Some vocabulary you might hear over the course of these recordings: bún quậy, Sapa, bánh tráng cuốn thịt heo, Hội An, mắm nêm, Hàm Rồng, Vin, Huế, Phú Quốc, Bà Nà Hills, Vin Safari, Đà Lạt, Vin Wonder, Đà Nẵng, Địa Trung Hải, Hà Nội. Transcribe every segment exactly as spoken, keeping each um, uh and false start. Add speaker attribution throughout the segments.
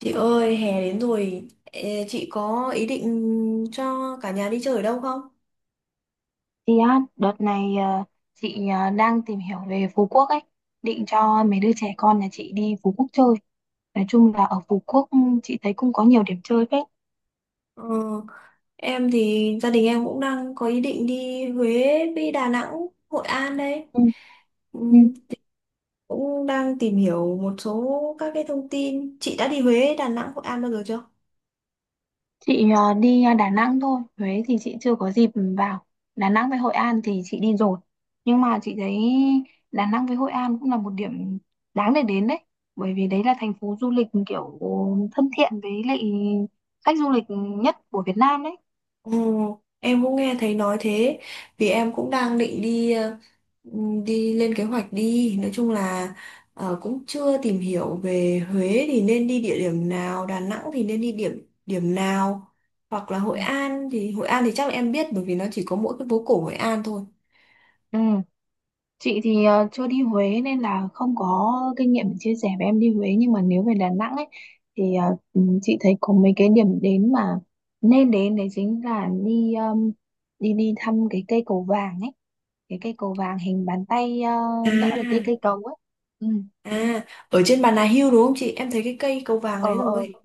Speaker 1: Chị ơi, hè đến rồi, ê, chị có ý định cho cả nhà đi chơi ở đâu không?
Speaker 2: Chị á, đợt này ờ, chị ờ, đang tìm hiểu về Phú Quốc ấy, định cho mấy đứa trẻ con nhà chị đi Phú Quốc chơi. Nói chung là ở Phú Quốc, ừ, chị thấy cũng có nhiều điểm chơi phết.
Speaker 1: Ờ, em thì gia đình em cũng đang có ý định đi Huế với Đà Nẵng, Hội An đấy.
Speaker 2: Ừ,
Speaker 1: Ừ,
Speaker 2: ừ.
Speaker 1: cũng đang tìm hiểu một số các cái thông tin. Chị đã đi Huế, Đà Nẵng, Hội An bao giờ chưa?
Speaker 2: Chị ờ, đi ờ, Đà Nẵng thôi, Huế thì chị chưa có dịp vào. Đà Nẵng với Hội An thì chị đi rồi. Nhưng mà chị thấy Đà Nẵng với Hội An cũng là một điểm đáng để đến đấy. Bởi vì đấy là thành phố du lịch kiểu thân thiện với lại khách du lịch nhất của Việt Nam đấy.
Speaker 1: Ồ, em cũng nghe thấy nói thế vì em cũng đang định đi ờ, ừm, đi lên kế hoạch đi nói chung là ờ, cũng chưa tìm hiểu về Huế thì nên đi địa điểm nào, Đà Nẵng thì nên đi điểm điểm nào, hoặc là
Speaker 2: Ừ.
Speaker 1: Hội An thì Hội An thì chắc là em biết bởi vì nó chỉ có mỗi cái phố cổ Hội An thôi.
Speaker 2: Ừ. Chị thì ờ, chưa đi Huế nên là không có kinh nghiệm để chia sẻ với em đi Huế, nhưng mà nếu về Đà Nẵng ấy thì ờ, ừ, chị thấy có mấy cái điểm đến mà nên đến đấy, chính là đi ờm, đi đi thăm cái cây cầu vàng ấy, cái cây cầu vàng hình bàn tay, ờ, đỡ là cái cây
Speaker 1: À,
Speaker 2: cầu ấy. Ừ.
Speaker 1: à, ở trên Bà Nà Hills đúng không chị, em thấy cái cây cầu vàng đấy
Speaker 2: Ờ, ờ.
Speaker 1: rồi.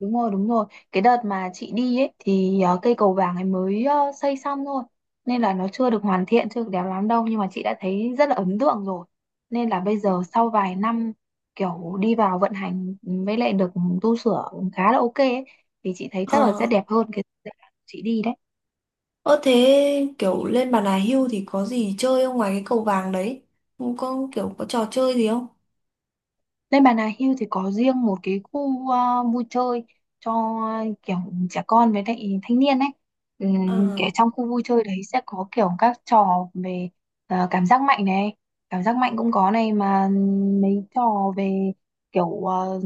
Speaker 2: Đúng rồi, đúng rồi. Cái đợt mà chị đi ấy thì ờ, cây cầu vàng ấy mới ờ, xây xong thôi. Nên là nó chưa được hoàn thiện, chưa được đẹp lắm đâu. Nhưng mà chị đã thấy rất là ấn tượng rồi. Nên là bây giờ sau vài năm kiểu đi vào vận hành với lại được tu sửa khá là ok ấy, thì chị thấy chắc là sẽ
Speaker 1: Ờ,
Speaker 2: đẹp hơn cái dự án chị đi đấy.
Speaker 1: ơ thế kiểu lên Bà Nà Hills thì có gì chơi không ngoài cái cầu vàng đấy? Không có kiểu có trò chơi gì không?
Speaker 2: Lên Bà Nà Hills thì có riêng một cái khu ờ, vui chơi cho, ờ, kiểu trẻ con với lại thanh niên ấy. Ừm,
Speaker 1: Ờ,
Speaker 2: Kiểu trong khu vui chơi đấy sẽ có kiểu các trò về ờ, cảm giác mạnh này, cảm giác mạnh cũng có này, mà mấy trò về kiểu ờ,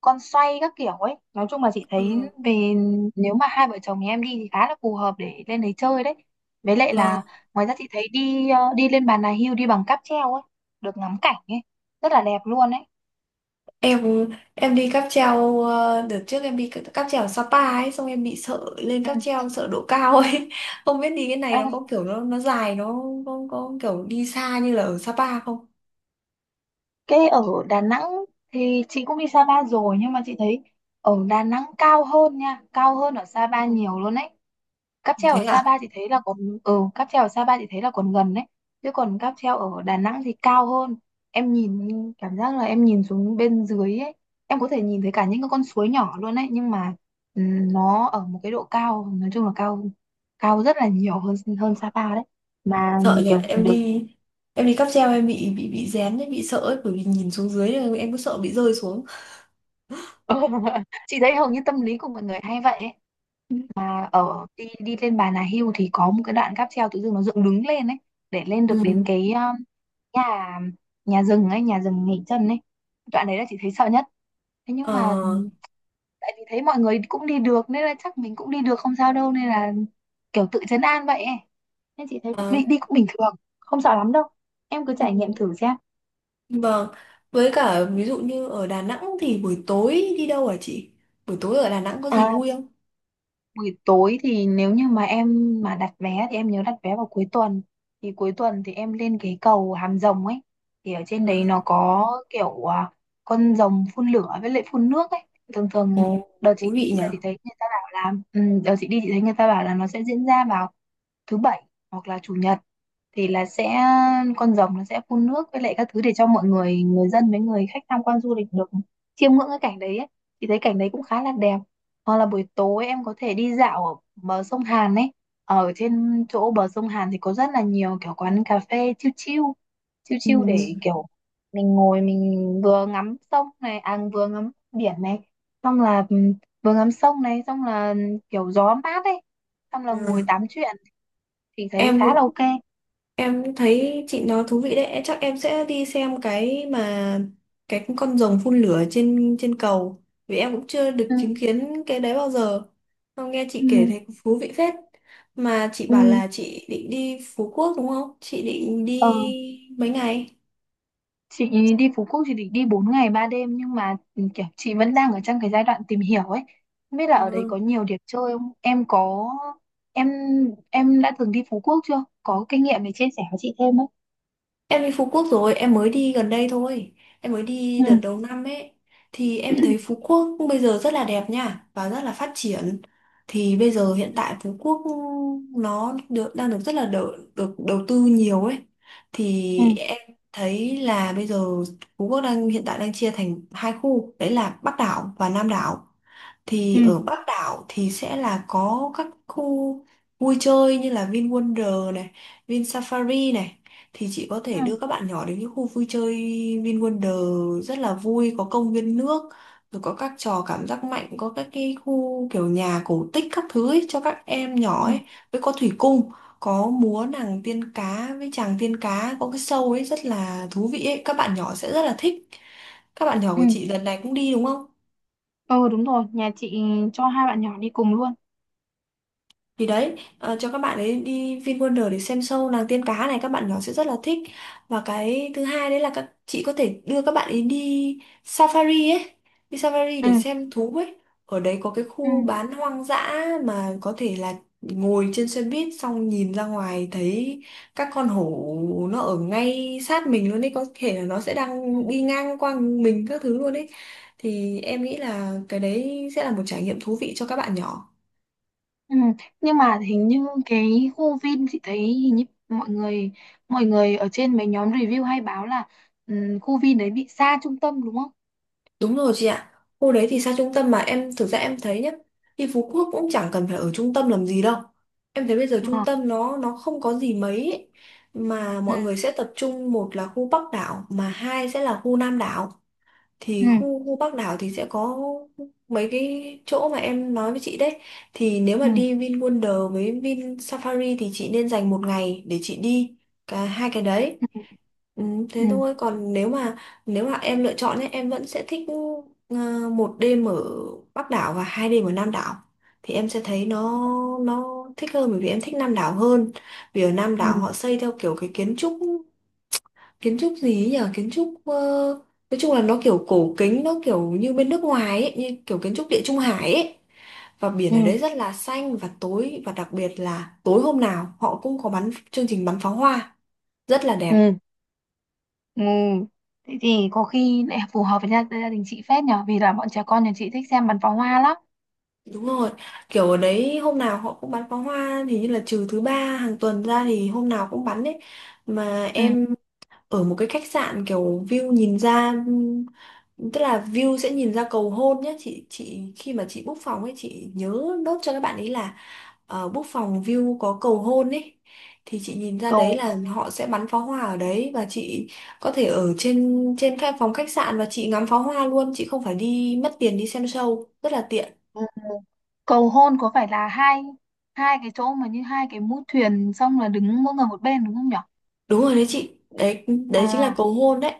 Speaker 2: con xoay các kiểu ấy. Nói chung là chị
Speaker 1: ờ,
Speaker 2: thấy về, nếu mà hai vợ chồng nhà em đi thì khá là phù hợp để lên đấy chơi đấy. Với lại là
Speaker 1: vâng.
Speaker 2: ngoài ra chị thấy đi ờ, đi lên Bà Nà Hills đi bằng cáp treo ấy, được ngắm cảnh ấy, rất là đẹp luôn ấy.
Speaker 1: Em em đi cáp treo ờ, đợt trước em đi c- cáp treo ở Sapa ấy, xong em bị sợ lên
Speaker 2: Ừ.
Speaker 1: cáp treo, sợ độ cao ấy. Không biết đi cái này
Speaker 2: À,
Speaker 1: nó có kiểu nó nó dài, nó có, có kiểu đi xa như là ở Sapa không?
Speaker 2: cái ở Đà Nẵng thì chị cũng đi Sapa rồi, nhưng mà chị thấy ở Đà Nẵng cao hơn nha, cao hơn ở Sapa
Speaker 1: Ừ.
Speaker 2: nhiều luôn đấy. Cáp treo
Speaker 1: Thế
Speaker 2: ở
Speaker 1: à?
Speaker 2: Sapa chị thấy là còn, ừ, cáp treo ở Sapa chị thấy là còn gần đấy. Chứ còn cáp treo ở Đà Nẵng thì cao hơn. Em nhìn Cảm giác là em nhìn xuống bên dưới ấy, em có thể nhìn thấy cả những cái con suối nhỏ luôn đấy, nhưng mà ừ, nó ở một cái độ cao, nói chung là cao, cao rất là nhiều hơn hơn Sapa đấy. Mà
Speaker 1: Sợ nhỉ.
Speaker 2: kiểu.
Speaker 1: Em đi em đi cáp treo em bị bị bị rén ấy, bị sợ ấy, bởi vì nhìn xuống dưới là em cứ sợ bị rơi xuống.
Speaker 2: Ừ. Chị thấy hầu như tâm lý của mọi người hay vậy ấy. Mà ở đi đi lên Bà Nà Hills thì có một cái đoạn cáp treo tự dưng nó dựng đứng lên ấy để lên được đến
Speaker 1: Ừ.
Speaker 2: cái, um, nhà nhà rừng ấy, nhà rừng nghỉ chân ấy. Đoạn đấy là chị thấy sợ nhất. Thế nhưng
Speaker 1: Ờ.
Speaker 2: mà, ừm, tại vì thấy mọi người cũng đi được nên là chắc mình cũng đi được không sao đâu, nên là kiểu tự trấn an vậy ấy. Nên chị thấy cũng
Speaker 1: Ờ.
Speaker 2: đi đi cũng bình thường, không sợ lắm đâu. Em cứ
Speaker 1: Ừ.
Speaker 2: trải nghiệm thử xem.
Speaker 1: Vâng, với cả ví dụ như ở Đà Nẵng thì buổi tối đi đâu hả chị? Buổi tối ở Đà Nẵng có gì
Speaker 2: À,
Speaker 1: vui không?
Speaker 2: buổi tối thì nếu như mà em mà đặt vé thì em nhớ đặt vé vào cuối tuần, thì cuối tuần thì em lên cái cầu Hàm Rồng ấy, thì ở trên
Speaker 1: À,
Speaker 2: đấy nó có kiểu, à, con rồng phun lửa với lại phun nước ấy. Thường thường
Speaker 1: ồ,
Speaker 2: đợt
Speaker 1: thú
Speaker 2: chị đi
Speaker 1: vị
Speaker 2: là
Speaker 1: nhở?
Speaker 2: chị thấy người ta bảo là, ừ, đợt chị đi chị thấy người ta bảo là nó sẽ diễn ra vào thứ bảy hoặc là chủ nhật, thì là sẽ, con rồng nó sẽ phun nước với lại các thứ để cho mọi người người dân với người khách tham quan du lịch được chiêm ngưỡng cái cảnh đấy ấy. Thì thấy cảnh đấy cũng khá là đẹp, hoặc là buổi tối em có thể đi dạo ở bờ sông Hàn ấy. Ở trên chỗ bờ sông Hàn thì có rất là nhiều kiểu quán cà phê chill chill. Chill
Speaker 1: Ừ.
Speaker 2: chill để kiểu mình ngồi mình vừa ngắm sông này, à vừa ngắm biển này. Xong là, ừm, vừa ngắm sông này, xong là, ừ, kiểu gió mát ấy. Xong là ngồi
Speaker 1: Ừ.
Speaker 2: tám chuyện thì thấy
Speaker 1: Em
Speaker 2: khá là
Speaker 1: cũng
Speaker 2: ok.
Speaker 1: em cũng thấy chị nói thú vị đấy, chắc em sẽ đi xem cái mà, cái con rồng phun lửa trên trên cầu, vì em cũng chưa được
Speaker 2: Ừ,
Speaker 1: chứng kiến cái đấy bao giờ. Không, nghe chị kể
Speaker 2: ừ,
Speaker 1: thấy thú vị phết. Mà chị
Speaker 2: ừ.
Speaker 1: bảo
Speaker 2: Ừ,
Speaker 1: là chị định đi Phú Quốc đúng không? Chị định đi
Speaker 2: ờ.
Speaker 1: mấy ngày?
Speaker 2: Chị đi Phú Quốc chị định đi bốn ngày ba đêm, nhưng mà ừ, kiểu chị vẫn đang ở trong cái giai đoạn tìm hiểu ấy. Không biết là ở đấy
Speaker 1: Ừ.
Speaker 2: có nhiều điểm chơi không? Em có em em đã từng đi Phú Quốc chưa? Có kinh nghiệm để chia sẻ với chị thêm không?
Speaker 1: Em đi Phú Quốc rồi, em mới đi gần đây thôi. Em mới đi
Speaker 2: Ừ,
Speaker 1: đợt đầu năm ấy. Thì em thấy Phú Quốc bây giờ rất là đẹp nha, và rất là phát triển. Thì bây giờ hiện tại Phú Quốc nó được, đang được rất là đỡ, được đầu tư nhiều ấy. Thì
Speaker 2: ừ,
Speaker 1: em thấy là bây giờ Phú Quốc đang hiện tại đang chia thành hai khu, đấy là Bắc đảo và Nam đảo. Thì
Speaker 2: ừ,
Speaker 1: ở Bắc đảo thì sẽ là có các khu vui chơi như là Vin Wonder này, Vin Safari này, thì chị có thể
Speaker 2: ừ,
Speaker 1: đưa các bạn nhỏ đến những khu vui chơi. Vin Wonder rất là vui, có công viên nước, rồi có các trò cảm giác mạnh, có các cái khu kiểu nhà cổ tích các thứ ấy, cho các em
Speaker 2: ừ,
Speaker 1: nhỏ ấy, với có thủy cung, có múa nàng tiên cá với chàng tiên cá, có cái show ấy rất là thú vị ấy, các bạn nhỏ sẽ rất là thích. Các bạn nhỏ
Speaker 2: ừ.
Speaker 1: của chị lần này cũng đi đúng không?
Speaker 2: Ừ, đúng rồi, nhà chị cho hai bạn nhỏ đi cùng luôn.
Speaker 1: Thì đấy, ờ, cho các bạn ấy đi VinWonder để xem show nàng tiên cá này, các bạn nhỏ sẽ rất là thích. Và cái thứ hai đấy là các chị có thể đưa các bạn ấy đi safari ấy, đi safari
Speaker 2: Ừ,
Speaker 1: để xem thú ấy. Ở đấy có cái
Speaker 2: ừ,
Speaker 1: khu bán hoang dã mà có thể là ngồi trên xe buýt xong nhìn ra ngoài thấy các con hổ nó ở ngay sát mình luôn ấy, có thể là nó sẽ
Speaker 2: ừ.
Speaker 1: đang đi ngang qua mình các thứ luôn ấy. Thì em nghĩ là cái đấy sẽ là một trải nghiệm thú vị cho các bạn nhỏ.
Speaker 2: Ừ. Nhưng mà hình như cái khu Vin chị thấy, hình như mọi người mọi người ở trên mấy nhóm review hay báo là, ừ, khu Vin đấy bị xa trung tâm đúng không?
Speaker 1: Đúng rồi chị ạ. Khu đấy thì xa trung tâm, mà em thực ra em thấy nhá, đi Phú Quốc cũng chẳng cần phải ở trung tâm làm gì đâu. Em thấy bây giờ trung
Speaker 2: Ờ.
Speaker 1: tâm nó nó không có gì mấy ấy. Mà
Speaker 2: Ừ,
Speaker 1: mọi người sẽ tập trung, một là khu Bắc đảo mà hai sẽ là khu Nam đảo. Thì khu
Speaker 2: ừ,
Speaker 1: khu Bắc đảo thì sẽ có mấy cái chỗ mà em nói với chị đấy, thì nếu mà
Speaker 2: ừ,
Speaker 1: đi Vin Wonder với Vin Safari thì chị nên dành một ngày để chị đi cả hai cái đấy.
Speaker 2: ừ,
Speaker 1: Ừ, thế
Speaker 2: ừ,
Speaker 1: thôi. Còn nếu mà nếu mà em lựa chọn ấy, em vẫn sẽ thích ờ, một đêm ở Bắc đảo và hai đêm ở Nam đảo, thì em sẽ thấy nó nó thích hơn bởi vì em thích Nam đảo hơn. Vì ở Nam
Speaker 2: ừ,
Speaker 1: đảo họ xây theo kiểu cái kiến trúc kiến trúc gì ấy nhở, kiến trúc ờ, nói chung là nó kiểu cổ kính, nó kiểu như bên nước ngoài ấy, như kiểu kiến trúc Địa Trung Hải ấy. Và biển ở đấy
Speaker 2: ừ,
Speaker 1: rất là xanh và tối, và đặc biệt là tối hôm nào họ cũng có bắn chương trình bắn pháo hoa rất là đẹp.
Speaker 2: ừ, ừ. Thế thì có khi lại phù hợp với gia, gia đình chị phết nhở, vì là bọn trẻ con nhà chị thích xem bắn pháo hoa lắm.
Speaker 1: Đúng rồi, kiểu ở đấy hôm nào họ cũng bắn pháo hoa, thì như là trừ thứ ba hàng tuần ra thì hôm nào cũng bắn ấy. Mà
Speaker 2: Ừ.
Speaker 1: em ở một cái khách sạn kiểu view nhìn ra, tức là view sẽ nhìn ra cầu hôn nhé chị. Chị khi mà chị book phòng ấy chị nhớ nốt cho các bạn ấy là uh, book phòng view có cầu hôn ấy, thì chị nhìn ra đấy
Speaker 2: cầu
Speaker 1: là họ sẽ bắn pháo hoa ở đấy, và chị có thể ở trên trên khách phòng khách sạn và chị ngắm pháo hoa luôn, chị không phải đi mất tiền đi xem show, rất là tiện.
Speaker 2: ừ. Cầu hôn có phải là hai hai cái chỗ mà như hai cái mũi thuyền, xong là đứng mỗi người một bên đúng không nhở?
Speaker 1: Đúng rồi đấy chị, đấy
Speaker 2: Ờ.
Speaker 1: đấy chính là cầu hôn đấy.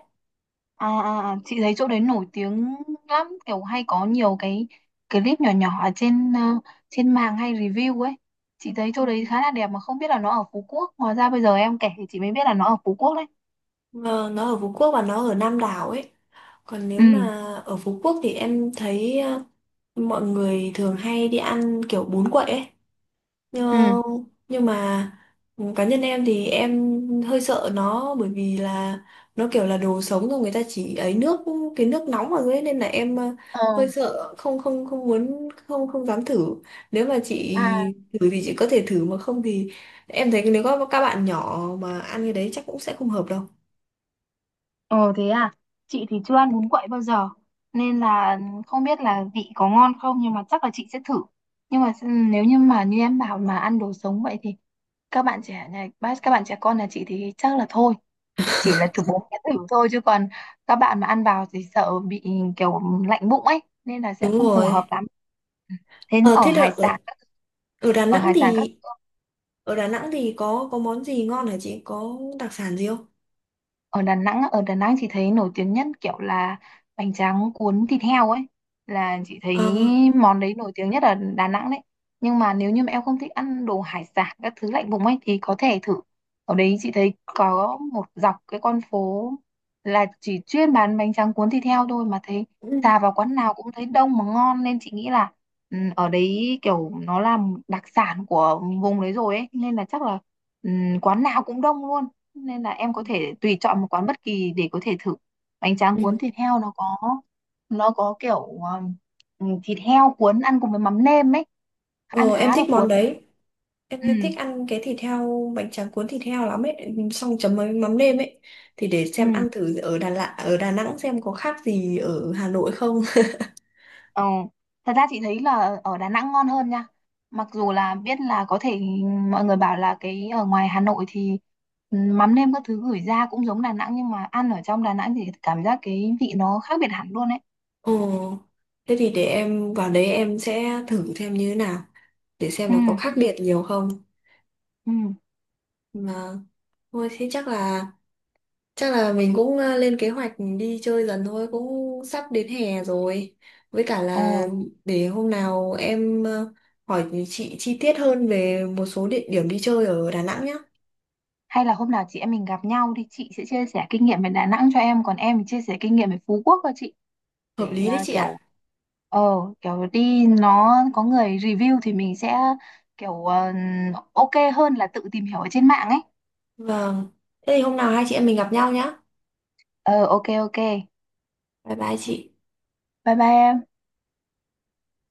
Speaker 2: À, à, à, chị thấy chỗ đấy nổi tiếng lắm, kiểu hay có nhiều cái clip nhỏ nhỏ ở trên, ờ, trên mạng hay review ấy, chị thấy
Speaker 1: Ừ.
Speaker 2: chỗ đấy khá là đẹp mà không biết là nó ở Phú Quốc, hóa ra bây giờ em kể thì chị mới biết là nó ở Phú Quốc đấy.
Speaker 1: Ờ, nó ở Phú Quốc và nó ở Nam Đảo ấy. Còn nếu mà
Speaker 2: Ừ.
Speaker 1: ở Phú Quốc thì em thấy ờ, mọi người thường hay đi ăn kiểu bún quậy ấy, nhưng
Speaker 2: Ừ.
Speaker 1: nhưng mà cá nhân em thì em hơi sợ nó bởi vì là nó kiểu là đồ sống rồi người ta chỉ ấy nước, cái nước nóng vào dưới ấy, nên là em ờ,
Speaker 2: Ờ.
Speaker 1: hơi sợ, không không không muốn, không không dám thử. Nếu mà chị
Speaker 2: À.
Speaker 1: thử thì chị có thể thử, mà không thì em thấy nếu có các bạn nhỏ mà ăn cái đấy chắc cũng sẽ không hợp đâu.
Speaker 2: Ờ. Thế à? Chị thì chưa ăn bún quậy bao giờ nên là không biết là vị có ngon không, nhưng mà chắc là chị sẽ thử, nhưng mà s- nếu như mà như em bảo mà ăn đồ sống vậy thì, các bạn trẻ nhà các bạn trẻ con nhà chị thì chắc là thôi, chỉ là chụp bốn cái thử thôi, chứ còn các bạn mà ăn vào thì sợ bị kiểu lạnh bụng ấy, nên là sẽ
Speaker 1: Đúng
Speaker 2: không phù
Speaker 1: rồi.
Speaker 2: hợp lắm. Thế
Speaker 1: ờ
Speaker 2: ở
Speaker 1: thế là
Speaker 2: hải
Speaker 1: ở,
Speaker 2: sản các-
Speaker 1: Ở Đà
Speaker 2: ở
Speaker 1: Nẵng
Speaker 2: hải sản các
Speaker 1: thì ở Đà Nẵng thì có có món gì ngon hả chị, có đặc sản gì không?
Speaker 2: ở Đà Nẵng á, ở Đà Nẵng chị thấy nổi tiếng nhất kiểu là bánh tráng cuốn thịt heo ấy, là chị thấy
Speaker 1: Ờ,
Speaker 2: món đấy nổi tiếng nhất ở Đà Nẵng đấy. Nhưng mà nếu như mà em không thích ăn đồ hải sản các thứ lạnh vùng ấy thì có thể thử, ở đấy chị thấy có một dọc cái con phố là chỉ chuyên bán bánh tráng cuốn thịt heo thôi, mà thấy
Speaker 1: cũng-
Speaker 2: xà vào quán nào cũng thấy đông mà ngon, nên chị nghĩ là, ừ, ở đấy kiểu nó là đặc sản của vùng đấy rồi ấy, nên là chắc là, ừ, quán nào cũng đông luôn, nên là em có
Speaker 1: ừ.
Speaker 2: thể tùy chọn một quán bất kỳ để có thể thử. Bánh tráng cuốn
Speaker 1: Ừ.
Speaker 2: thịt heo nó có nó có kiểu, um, ừ, thịt heo cuốn ăn cùng với mắm nêm ấy, ăn
Speaker 1: Ờ, em
Speaker 2: khá là
Speaker 1: thích món
Speaker 2: cuốn.
Speaker 1: đấy. Em
Speaker 2: Ừ.
Speaker 1: em thích ăn cái thịt heo, bánh tráng cuốn thịt heo lắm ấy, xong chấm với mắm nêm ấy. Thì để
Speaker 2: Ừ.
Speaker 1: xem ăn thử ở Đà Lạt, ở Đà Nẵng xem có khác gì ở Hà Nội không.
Speaker 2: Ờ. Thật ra chị thấy là ở Đà Nẵng ngon hơn nha, mặc dù là biết là có thể mọi người bảo là cái ở ngoài Hà Nội thì, ừ, mắm nêm các thứ gửi ra cũng giống Đà Nẵng, nhưng mà ăn ở trong Đà Nẵng thì cảm giác cái vị nó khác biệt hẳn luôn ấy.
Speaker 1: Ồ, thế thì để em vào đấy em sẽ thử xem như thế nào, để xem
Speaker 2: Ừ.
Speaker 1: là có khác biệt nhiều không.
Speaker 2: Ừ.
Speaker 1: Mà thôi thế chắc là, chắc là mình cũng ờ, lên kế hoạch đi chơi dần thôi, cũng sắp đến hè rồi. Với cả
Speaker 2: Ồ.
Speaker 1: là để hôm nào em ờ, hỏi chị chi tiết hơn về một số địa điểm đi chơi ở Đà Nẵng nhá.
Speaker 2: Hay là hôm nào chị em mình gặp nhau thì chị sẽ chia sẻ kinh nghiệm về Đà Nẵng cho em, còn em thì chia sẻ kinh nghiệm về Phú Quốc cho chị,
Speaker 1: Hợp
Speaker 2: để
Speaker 1: lý đấy
Speaker 2: à,
Speaker 1: chị ạ.
Speaker 2: kiểu, ờ kiểu đi nó có người review thì mình sẽ kiểu, ờ, ok hơn là tự tìm hiểu ở trên mạng ấy.
Speaker 1: Vâng. Thế thì hôm nào hai chị em mình gặp nhau nhá.
Speaker 2: Ờ, ok, ok.
Speaker 1: Bye bye chị.
Speaker 2: Bye bye em.